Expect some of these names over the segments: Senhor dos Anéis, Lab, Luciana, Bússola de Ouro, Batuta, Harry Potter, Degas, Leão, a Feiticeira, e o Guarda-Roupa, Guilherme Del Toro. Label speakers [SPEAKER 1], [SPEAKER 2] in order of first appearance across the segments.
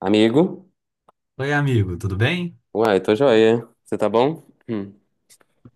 [SPEAKER 1] Amigo?
[SPEAKER 2] Oi, amigo, tudo bem?
[SPEAKER 1] Uai, tô joia. Você tá bom? Hum.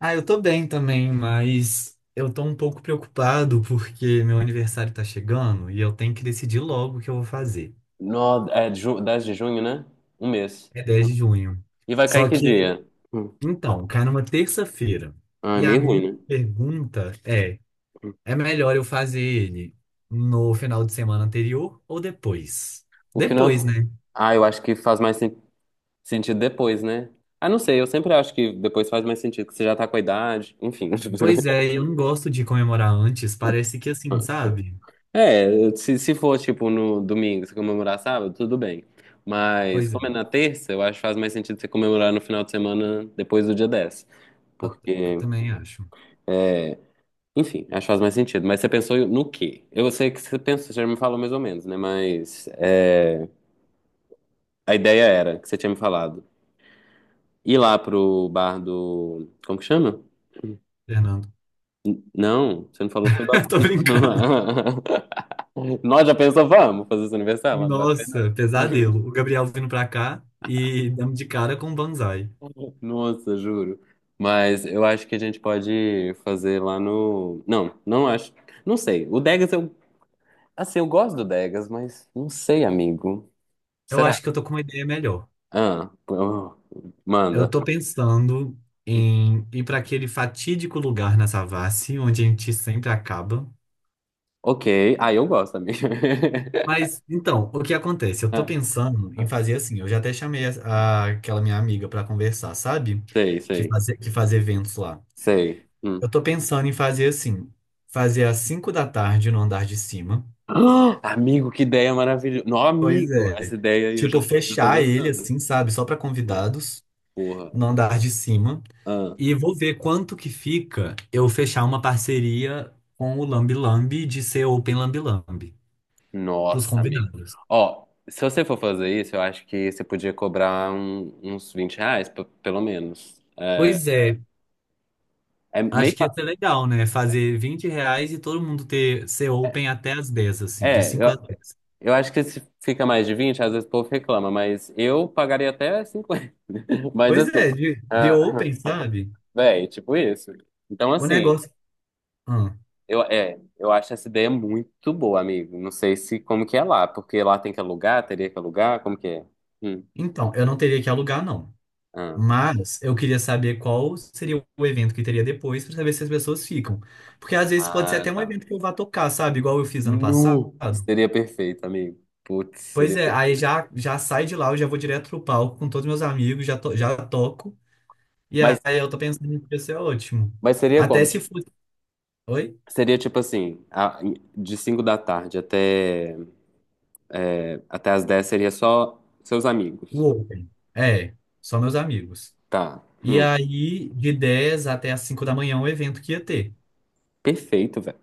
[SPEAKER 2] Ah, eu tô bem também, mas eu tô um pouco preocupado porque meu aniversário tá chegando e eu tenho que decidir logo o que eu vou fazer.
[SPEAKER 1] No, é 10 de junho, né? Um mês.
[SPEAKER 2] É 10 de junho.
[SPEAKER 1] E vai cair
[SPEAKER 2] Só
[SPEAKER 1] que
[SPEAKER 2] que,
[SPEAKER 1] dia? Hum.
[SPEAKER 2] então, cai numa terça-feira.
[SPEAKER 1] Ah, é
[SPEAKER 2] E a
[SPEAKER 1] meio
[SPEAKER 2] minha
[SPEAKER 1] ruim, né?
[SPEAKER 2] pergunta é:
[SPEAKER 1] Hum.
[SPEAKER 2] é melhor eu fazer ele no final de semana anterior ou depois?
[SPEAKER 1] O
[SPEAKER 2] Depois,
[SPEAKER 1] final.
[SPEAKER 2] né?
[SPEAKER 1] Ah, eu acho que faz mais sentido depois, né? Ah, não sei, eu sempre acho que depois faz mais sentido, que você já tá com a idade, enfim.
[SPEAKER 2] Pois é, eu não gosto de comemorar antes, parece que assim, sabe?
[SPEAKER 1] É, se for tipo no domingo, você comemorar sábado, tudo bem. Mas
[SPEAKER 2] Pois é,
[SPEAKER 1] como é na terça, eu acho que faz mais sentido você comemorar no final de semana depois do dia 10,
[SPEAKER 2] eu, eu
[SPEAKER 1] porque,
[SPEAKER 2] também acho,
[SPEAKER 1] enfim, acho que faz mais sentido. Mas você pensou no quê? Eu sei que você pensou, você já me falou mais ou menos, né? Mas é, a ideia era que você tinha me falado. Ir lá pro bar do. Como que chama?
[SPEAKER 2] Fernando.
[SPEAKER 1] Não, você não falou, foi
[SPEAKER 2] Tô
[SPEAKER 1] Batuta.
[SPEAKER 2] brincando.
[SPEAKER 1] Nós já pensamos, vamos fazer esse aniversário lá no Batuta.
[SPEAKER 2] Nossa, pesadelo. O Gabriel vindo pra cá e dando de cara com o Banzai.
[SPEAKER 1] Nossa, juro. Mas eu acho que a gente pode fazer lá no. Não, não acho. Não sei. O Degas, eu. Assim, eu gosto do Degas, mas não sei, amigo.
[SPEAKER 2] Eu
[SPEAKER 1] Será?
[SPEAKER 2] acho que eu tô com uma ideia melhor.
[SPEAKER 1] Ah, pô,
[SPEAKER 2] Eu
[SPEAKER 1] manda.
[SPEAKER 2] tô pensando em ir pra aquele fatídico lugar na Savassi, onde a gente sempre acaba.
[SPEAKER 1] Ok. Ah, eu gosto, amiga.
[SPEAKER 2] Mas, então, o que acontece? Eu tô
[SPEAKER 1] Ah,
[SPEAKER 2] pensando em
[SPEAKER 1] ah,
[SPEAKER 2] fazer assim. Eu já até chamei aquela minha amiga pra conversar, sabe?
[SPEAKER 1] sei,
[SPEAKER 2] Que
[SPEAKER 1] sei,
[SPEAKER 2] fazer, que faz eventos lá.
[SPEAKER 1] sei. Hum.
[SPEAKER 2] Eu tô pensando em fazer assim. Fazer às 5 da tarde no andar de cima.
[SPEAKER 1] Ah, amigo, que ideia maravilhosa. Não,
[SPEAKER 2] Pois
[SPEAKER 1] amigo, essa
[SPEAKER 2] é.
[SPEAKER 1] ideia aí eu já,
[SPEAKER 2] Tipo,
[SPEAKER 1] já tô
[SPEAKER 2] fechar ele
[SPEAKER 1] gostando.
[SPEAKER 2] assim, sabe? Só para
[SPEAKER 1] Ah,
[SPEAKER 2] convidados,
[SPEAKER 1] porra.
[SPEAKER 2] no andar de cima.
[SPEAKER 1] Ah,
[SPEAKER 2] E vou ver quanto que fica eu fechar uma parceria com o Lambi Lambi de ser Open Lambi Lambi pros
[SPEAKER 1] nossa, amigo.
[SPEAKER 2] convidados.
[SPEAKER 1] Ó, se você for fazer isso, eu acho que você podia cobrar uns R$ 20, pelo menos. É,
[SPEAKER 2] Pois é.
[SPEAKER 1] é meio.
[SPEAKER 2] Acho que ia ser legal, né? Fazer R$ 20 e todo mundo ter ser Open até as 10, assim, de
[SPEAKER 1] É,
[SPEAKER 2] 5 às
[SPEAKER 1] eu,
[SPEAKER 2] 10.
[SPEAKER 1] eu acho que se fica mais de 20, às vezes o povo reclama, mas eu pagaria até 50. Mas
[SPEAKER 2] Pois
[SPEAKER 1] assim.
[SPEAKER 2] é, de
[SPEAKER 1] Ah.
[SPEAKER 2] Open, sabe?
[SPEAKER 1] Véi, tipo isso. Então,
[SPEAKER 2] O
[SPEAKER 1] assim,
[SPEAKER 2] negócio. Ah,
[SPEAKER 1] é, eu acho essa ideia muito boa, amigo. Não sei se como que é lá, porque lá tem que alugar, teria que alugar, como que é? Hum.
[SPEAKER 2] então, eu não teria que alugar, não.
[SPEAKER 1] Ah,
[SPEAKER 2] Mas eu queria saber qual seria o evento que teria depois para saber se as pessoas ficam. Porque às vezes pode ser
[SPEAKER 1] ah,
[SPEAKER 2] até um
[SPEAKER 1] tá.
[SPEAKER 2] evento que eu vá tocar, sabe? Igual eu fiz ano
[SPEAKER 1] Nu!
[SPEAKER 2] passado.
[SPEAKER 1] Seria perfeito, amigo. Putz,
[SPEAKER 2] Pois
[SPEAKER 1] seria
[SPEAKER 2] é, aí
[SPEAKER 1] perfeito.
[SPEAKER 2] já sai de lá, eu já vou direto pro palco com todos meus amigos, já, já toco. E
[SPEAKER 1] Mas,
[SPEAKER 2] aí eu tô pensando que isso é ótimo.
[SPEAKER 1] mas seria
[SPEAKER 2] Até
[SPEAKER 1] como?
[SPEAKER 2] se fosse. Oi?
[SPEAKER 1] Seria tipo assim, de 5 da tarde até as 10 seria só seus
[SPEAKER 2] O
[SPEAKER 1] amigos.
[SPEAKER 2] Open. É, só meus amigos.
[SPEAKER 1] Tá.
[SPEAKER 2] E
[SPEAKER 1] Hum.
[SPEAKER 2] aí, de 10 até as 5 da manhã, é um evento que ia ter.
[SPEAKER 1] Perfeito, velho.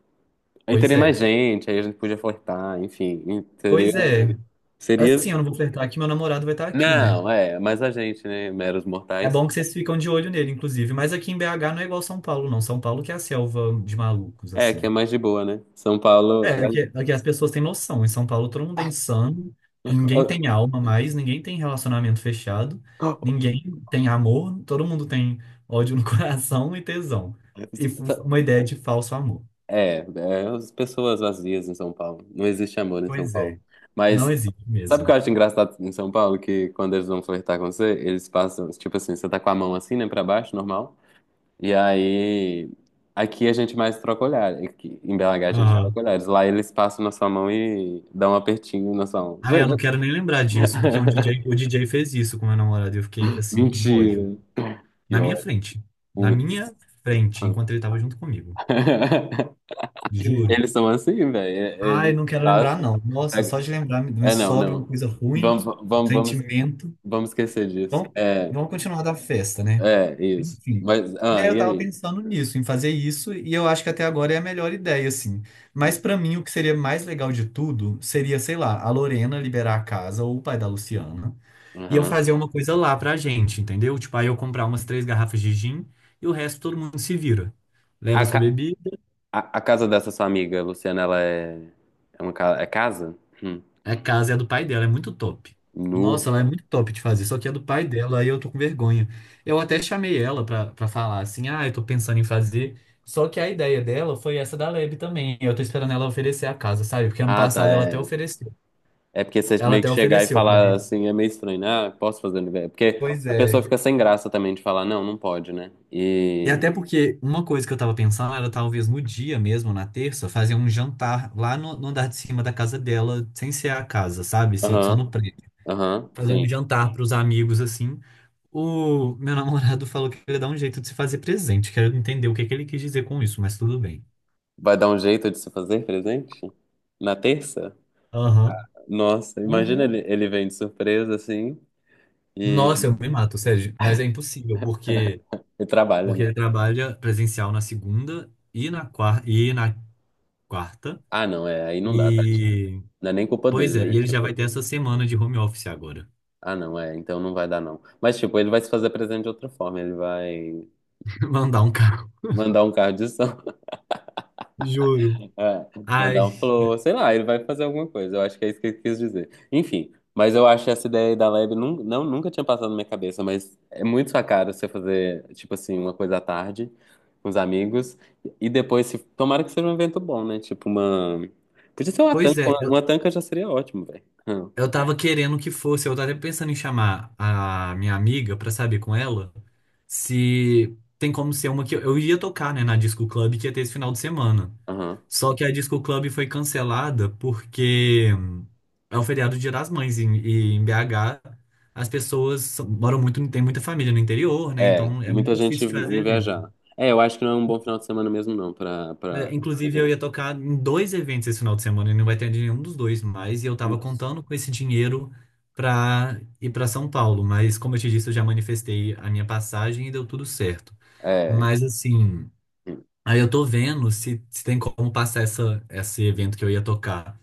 [SPEAKER 1] Aí
[SPEAKER 2] Pois
[SPEAKER 1] teria
[SPEAKER 2] é.
[SPEAKER 1] mais gente, aí a gente podia flertar, enfim. Seria.
[SPEAKER 2] Pois é.
[SPEAKER 1] Seria.
[SPEAKER 2] Assim, eu não vou flertar que meu namorado vai estar aqui, né?
[SPEAKER 1] Não, é, mas a gente, né, meros
[SPEAKER 2] É
[SPEAKER 1] mortais,
[SPEAKER 2] bom que vocês ficam de olho nele, inclusive. Mas aqui em BH não é igual São Paulo, não. São Paulo que é a selva de malucos,
[SPEAKER 1] é que é
[SPEAKER 2] assim.
[SPEAKER 1] mais de boa, né? São Paulo,
[SPEAKER 2] É, aqui as pessoas têm noção. Em São Paulo todo mundo é insano, ninguém tem alma mais, ninguém tem relacionamento fechado, ninguém tem amor, todo mundo tem ódio no coração e tesão. E uma ideia de falso amor.
[SPEAKER 1] as pessoas vazias em São Paulo. Não existe amor em São
[SPEAKER 2] Pois
[SPEAKER 1] Paulo.
[SPEAKER 2] é, não
[SPEAKER 1] Mas
[SPEAKER 2] existe
[SPEAKER 1] sabe o que eu
[SPEAKER 2] mesmo.
[SPEAKER 1] acho engraçado em São Paulo? Que quando eles vão flertar com você, eles passam, tipo assim, você tá com a mão assim, né, pra baixo, normal. E aí, aqui a gente mais troca olhar. Aqui, em BH a gente
[SPEAKER 2] Aham.
[SPEAKER 1] troca olhares. Lá eles passam na sua mão e dão um apertinho na sua mão.
[SPEAKER 2] Ah, eu não quero nem lembrar disso, porque um DJ, o DJ fez isso com meu namorado e eu fiquei assim com ódio.
[SPEAKER 1] Mentira. Que
[SPEAKER 2] Na minha frente. Na minha
[SPEAKER 1] Putz.
[SPEAKER 2] frente, enquanto ele tava junto comigo. Juro.
[SPEAKER 1] Eles são assim, velho.
[SPEAKER 2] Ai,
[SPEAKER 1] Eles
[SPEAKER 2] não quero lembrar,
[SPEAKER 1] passam.
[SPEAKER 2] não. Nossa, só de
[SPEAKER 1] É,
[SPEAKER 2] lembrar, me
[SPEAKER 1] é, não,
[SPEAKER 2] sobe uma
[SPEAKER 1] não.
[SPEAKER 2] coisa ruim,
[SPEAKER 1] Vamos,
[SPEAKER 2] um
[SPEAKER 1] vamos, vamos,
[SPEAKER 2] sentimento.
[SPEAKER 1] vamos esquecer disso.
[SPEAKER 2] Vamos,
[SPEAKER 1] É,
[SPEAKER 2] vamos continuar da festa, né?
[SPEAKER 1] é, isso.
[SPEAKER 2] Enfim.
[SPEAKER 1] Mas, ah,
[SPEAKER 2] É, eu
[SPEAKER 1] e
[SPEAKER 2] tava
[SPEAKER 1] aí?
[SPEAKER 2] pensando nisso, em fazer isso, e eu acho que até agora é a melhor ideia, assim. Mas pra mim, o que seria mais legal de tudo seria, sei lá, a Lorena liberar a casa ou o pai da Luciana, e eu
[SPEAKER 1] Uhum.
[SPEAKER 2] fazer uma coisa lá pra gente, entendeu? Tipo, aí eu comprar umas três garrafas de gin e o resto todo mundo se vira.
[SPEAKER 1] A,
[SPEAKER 2] Leva sua
[SPEAKER 1] ca-
[SPEAKER 2] bebida.
[SPEAKER 1] a casa dessa sua amiga, Luciana, ela é, é casa? Hum.
[SPEAKER 2] A casa é a do pai dela, é muito top. Nossa,
[SPEAKER 1] Nu.
[SPEAKER 2] ela é muito top de fazer, só que é do pai dela, aí eu tô com vergonha. Eu até chamei ela pra falar assim, ah, eu tô pensando em fazer. Só que a ideia dela foi essa da Leb também. Eu tô esperando ela oferecer a casa, sabe? Porque ano
[SPEAKER 1] Ah, tá,
[SPEAKER 2] passado ela até
[SPEAKER 1] é.
[SPEAKER 2] ofereceu.
[SPEAKER 1] É porque você
[SPEAKER 2] Ela
[SPEAKER 1] meio que
[SPEAKER 2] até
[SPEAKER 1] chegar e
[SPEAKER 2] ofereceu,
[SPEAKER 1] falar
[SPEAKER 2] Marília.
[SPEAKER 1] assim é meio estranho, né? Ah, posso fazer aniversário? Porque
[SPEAKER 2] Pois
[SPEAKER 1] a pessoa
[SPEAKER 2] é.
[SPEAKER 1] fica sem graça também de falar, não, não pode, né?
[SPEAKER 2] E
[SPEAKER 1] E.
[SPEAKER 2] até porque uma coisa que eu tava pensando era talvez no dia mesmo, na terça, fazer um jantar lá no andar de cima da casa dela, sem ser a casa, sabe? Ser só no
[SPEAKER 1] Aham,
[SPEAKER 2] prédio.
[SPEAKER 1] aham,
[SPEAKER 2] Fazer um
[SPEAKER 1] sim.
[SPEAKER 2] jantar pros amigos, assim. O meu namorado falou que ele dá um jeito de se fazer presente. Quero entender o que que ele quis dizer com isso, mas tudo bem.
[SPEAKER 1] Vai dar um jeito de se fazer presente? Na terça?
[SPEAKER 2] Aham.
[SPEAKER 1] Nossa, imagina
[SPEAKER 2] Uhum.
[SPEAKER 1] ele vem de surpresa assim
[SPEAKER 2] Nossa,
[SPEAKER 1] e,
[SPEAKER 2] eu me mato, Sérgio. Mas é impossível, porque,
[SPEAKER 1] e trabalha,
[SPEAKER 2] porque
[SPEAKER 1] né?
[SPEAKER 2] ele trabalha presencial na segunda e na quarta, e na quarta.
[SPEAKER 1] Ah, não, é, aí não dá, tadinho.
[SPEAKER 2] E,
[SPEAKER 1] Não é nem culpa
[SPEAKER 2] pois
[SPEAKER 1] dele,
[SPEAKER 2] é,
[SPEAKER 1] né?
[SPEAKER 2] e ele já
[SPEAKER 1] Tipo,
[SPEAKER 2] vai ter essa semana de home office agora.
[SPEAKER 1] ah, não, é, então não vai dar, não. Mas, tipo, ele vai se fazer presente de outra forma. Ele vai
[SPEAKER 2] Mandar um carro.
[SPEAKER 1] mandar um carro de som.
[SPEAKER 2] Juro.
[SPEAKER 1] É, mandar
[SPEAKER 2] Ai,
[SPEAKER 1] um flow, sei lá, ele vai fazer alguma coisa. Eu acho que é isso que ele quis dizer. Enfim, mas eu acho essa ideia aí da lab nunca tinha passado na minha cabeça, mas é muito sua cara você fazer, tipo assim, uma coisa à tarde com os amigos e depois, se, tomara que seja um evento bom, né? Tipo uma. Podia ser uma
[SPEAKER 2] pois
[SPEAKER 1] tanca,
[SPEAKER 2] é.
[SPEAKER 1] uma tanca já seria ótimo, velho.
[SPEAKER 2] Eu tava querendo que fosse, eu tava até pensando em chamar a minha amiga pra saber com ela se, tem como ser uma que eu ia tocar, né, na Disco Club que ia ter esse final de semana.
[SPEAKER 1] Aham.
[SPEAKER 2] Só que a Disco Club foi cancelada porque é o feriado do Dia das Mães e em BH as pessoas moram muito, tem muita família no interior, né?
[SPEAKER 1] É,
[SPEAKER 2] Então é
[SPEAKER 1] muita
[SPEAKER 2] muito
[SPEAKER 1] gente
[SPEAKER 2] difícil de fazer
[SPEAKER 1] indo
[SPEAKER 2] evento.
[SPEAKER 1] viajar. É, eu acho que não é um bom final de semana mesmo, não, pra
[SPEAKER 2] É, inclusive, eu
[SPEAKER 1] evento.
[SPEAKER 2] ia tocar em dois eventos esse final de semana e não vai ter nenhum dos dois mais. E eu tava
[SPEAKER 1] Putz,
[SPEAKER 2] contando com esse dinheiro pra ir pra São Paulo. Mas, como eu te disse, eu já manifestei a minha passagem e deu tudo certo.
[SPEAKER 1] é.
[SPEAKER 2] Mas, assim, aí eu tô vendo se, se tem como passar esse evento que eu ia tocar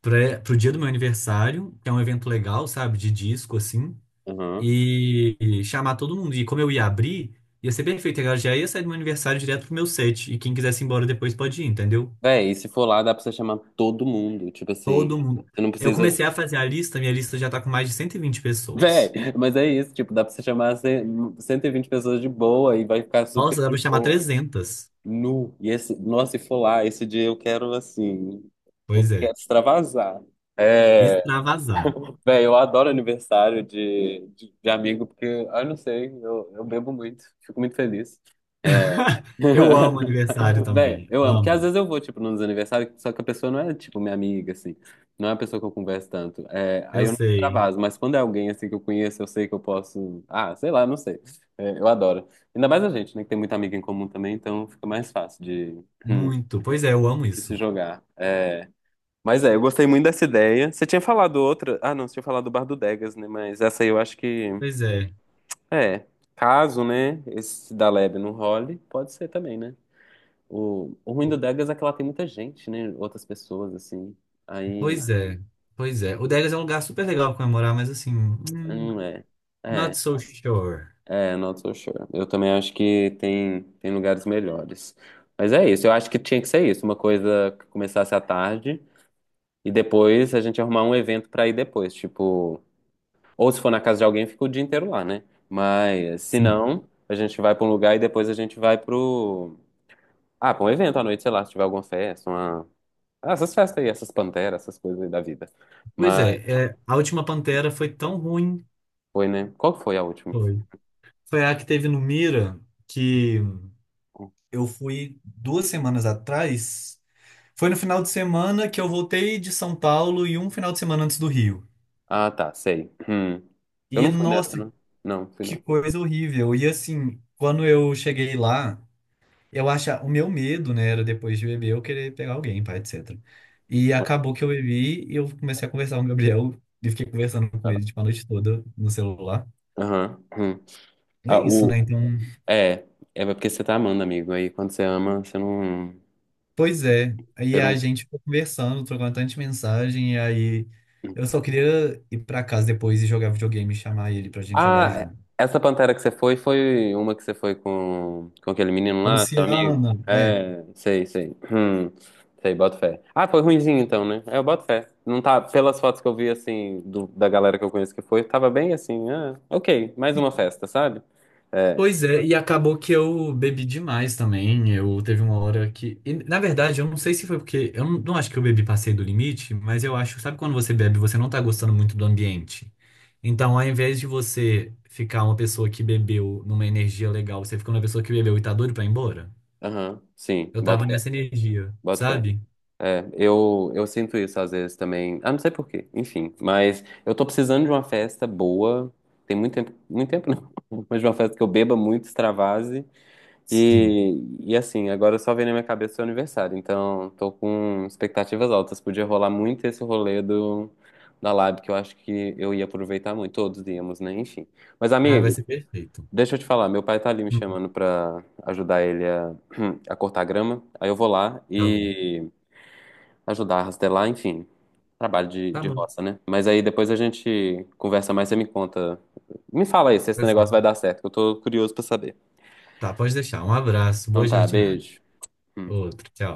[SPEAKER 2] pra, pro dia do meu aniversário, que é um evento legal, sabe, de disco, assim,
[SPEAKER 1] Aham.
[SPEAKER 2] e chamar todo mundo. E como eu ia abrir, ia ser perfeito. Eu já ia sair do meu aniversário direto pro meu set. E quem quisesse ir embora depois pode ir, entendeu?
[SPEAKER 1] Véi, e se for lá, dá pra você chamar todo mundo. Tipo assim,
[SPEAKER 2] Todo mundo.
[SPEAKER 1] você não
[SPEAKER 2] Eu
[SPEAKER 1] precisa.
[SPEAKER 2] comecei a fazer a lista, minha lista já tá com mais de 120
[SPEAKER 1] Véi,
[SPEAKER 2] pessoas.
[SPEAKER 1] mas é isso, tipo, dá pra você chamar 120 pessoas de boa e vai ficar super
[SPEAKER 2] Nossa, dá
[SPEAKER 1] de
[SPEAKER 2] pra chamar
[SPEAKER 1] boa.
[SPEAKER 2] 300.
[SPEAKER 1] Nu. E esse, nossa, se for lá, esse dia eu quero assim. Eu
[SPEAKER 2] Pois
[SPEAKER 1] quero
[SPEAKER 2] é,
[SPEAKER 1] extravasar. É,
[SPEAKER 2] extravasar.
[SPEAKER 1] véi, eu adoro aniversário de amigo, porque, ah, eu não sei, eu bebo muito, fico muito feliz. É.
[SPEAKER 2] Eu amo aniversário
[SPEAKER 1] Véi,
[SPEAKER 2] também,
[SPEAKER 1] eu amo, porque às
[SPEAKER 2] amo.
[SPEAKER 1] vezes eu vou, tipo, nos aniversários, só que a pessoa não é, tipo, minha amiga, assim, não é a pessoa que eu converso tanto, é, aí
[SPEAKER 2] Eu
[SPEAKER 1] eu não
[SPEAKER 2] sei,
[SPEAKER 1] extravaso, mas quando é alguém, assim, que eu conheço, eu sei que eu posso, ah, sei lá, não sei, é, eu adoro, ainda mais a gente, né, que tem muita amiga em comum também, então fica mais fácil hum,
[SPEAKER 2] muito. Pois é, eu amo
[SPEAKER 1] de se
[SPEAKER 2] isso.
[SPEAKER 1] jogar, é, mas é, eu gostei muito dessa ideia, você tinha falado outra, ah, não, você tinha falado do Bar do Degas, né, mas essa aí eu acho que,
[SPEAKER 2] Pois é,
[SPEAKER 1] é, caso, né, esse da Lebe não role, pode ser também, né? O ruim do Degas é que ela tem muita gente, né? Outras pessoas, assim. Aí,
[SPEAKER 2] pois é, pois é. O Degas é um lugar super legal pra comemorar, mas assim,
[SPEAKER 1] não é. É,
[SPEAKER 2] not so sure.
[SPEAKER 1] not so sure. Eu também acho que tem lugares melhores. Mas é isso, eu acho que tinha que ser isso. Uma coisa que começasse à tarde e depois a gente arrumar um evento pra ir depois. Tipo, ou se for na casa de alguém, fica o dia inteiro lá, né? Mas se
[SPEAKER 2] Sim.
[SPEAKER 1] não, a gente vai pra um lugar e depois a gente vai pro. Ah, pra um evento à noite, sei lá, se tiver alguma festa, uma. Ah, essas festas aí, essas panteras, essas coisas aí da vida.
[SPEAKER 2] Pois é, é, a última Pantera foi tão ruim.
[SPEAKER 1] Foi, né? Qual que foi a última?
[SPEAKER 2] Foi. Foi a que teve no Mira, que eu fui 2 semanas atrás. Foi no final de semana que eu voltei de São Paulo e um final de semana antes do Rio.
[SPEAKER 1] Ah, tá, sei. Hum. Eu
[SPEAKER 2] E
[SPEAKER 1] não fui nessa,
[SPEAKER 2] nossa,
[SPEAKER 1] né? Não, fui
[SPEAKER 2] que
[SPEAKER 1] não.
[SPEAKER 2] coisa horrível. E assim, quando eu cheguei lá, eu acha o meu medo, né, era depois de beber eu querer pegar alguém, pá, etc. E acabou que eu bebi e eu comecei a conversar com o Gabriel e fiquei conversando com
[SPEAKER 1] Vai lá.
[SPEAKER 2] ele tipo, a noite toda no celular.
[SPEAKER 1] Aham. Hum.
[SPEAKER 2] É
[SPEAKER 1] Ah,
[SPEAKER 2] isso,
[SPEAKER 1] o...
[SPEAKER 2] né? Então,
[SPEAKER 1] É, é porque você tá amando, amigo. Aí quando você ama, você não.
[SPEAKER 2] pois é. Aí
[SPEAKER 1] Você
[SPEAKER 2] a
[SPEAKER 1] não.
[SPEAKER 2] gente ficou conversando, trocando tanta mensagem, e aí eu só queria ir pra casa depois e jogar videogame, e chamar ele pra gente jogar
[SPEAKER 1] Ah,
[SPEAKER 2] junto.
[SPEAKER 1] essa Pantera que você foi, foi uma que você foi com aquele menino
[SPEAKER 2] A
[SPEAKER 1] lá, seu amigo?
[SPEAKER 2] Luciana, é.
[SPEAKER 1] É, sei, sei. Sei, boto fé. Ah, foi ruinzinho então, né? É, eu boto fé. Não tá, pelas fotos que eu vi, assim, da galera que eu conheço que foi, tava bem assim, ah, ok, mais uma festa, sabe? É,
[SPEAKER 2] Pois é, e acabou que eu bebi demais também. Eu teve uma hora que. E, na verdade, eu não sei se foi porque. Eu não, não acho que eu bebi passei do limite, mas eu acho, sabe quando você bebe, e você não tá gostando muito do ambiente. Então, ao invés de você ficar uma pessoa que bebeu numa energia legal, você fica uma pessoa que bebeu e tá doido pra ir embora.
[SPEAKER 1] aham, sim,
[SPEAKER 2] Eu
[SPEAKER 1] boto
[SPEAKER 2] tava
[SPEAKER 1] fé,
[SPEAKER 2] nessa energia,
[SPEAKER 1] boto fé.
[SPEAKER 2] sabe?
[SPEAKER 1] É, eu sinto isso às vezes também. Ah, não sei por quê, enfim. Mas eu tô precisando de uma festa boa. Tem muito tempo não, mas de uma festa que eu beba muito, extravase.
[SPEAKER 2] Sim.
[SPEAKER 1] E assim, agora só vem na minha cabeça o seu aniversário, então tô com expectativas altas. Podia rolar muito esse rolê do, da Lab, que eu acho que eu ia aproveitar muito, todos íamos, né? Enfim. Mas,
[SPEAKER 2] Ah, vai
[SPEAKER 1] amigo,
[SPEAKER 2] ser perfeito.
[SPEAKER 1] deixa eu te falar, meu pai tá ali me
[SPEAKER 2] Hum,
[SPEAKER 1] chamando pra ajudar ele a, a cortar grama, aí eu vou lá
[SPEAKER 2] tá bom.
[SPEAKER 1] e ajudar a rastelar, enfim, trabalho de,
[SPEAKER 2] Tá
[SPEAKER 1] de
[SPEAKER 2] bom.
[SPEAKER 1] roça, né? Mas aí depois a gente conversa mais, você me conta, me fala aí se esse
[SPEAKER 2] Tá
[SPEAKER 1] negócio vai
[SPEAKER 2] certo.
[SPEAKER 1] dar certo, que eu tô curioso pra saber.
[SPEAKER 2] Tá, pode deixar. Um abraço,
[SPEAKER 1] Então
[SPEAKER 2] boa
[SPEAKER 1] tá,
[SPEAKER 2] jardinagem.
[SPEAKER 1] beijo. Hum.
[SPEAKER 2] Outro, tchau.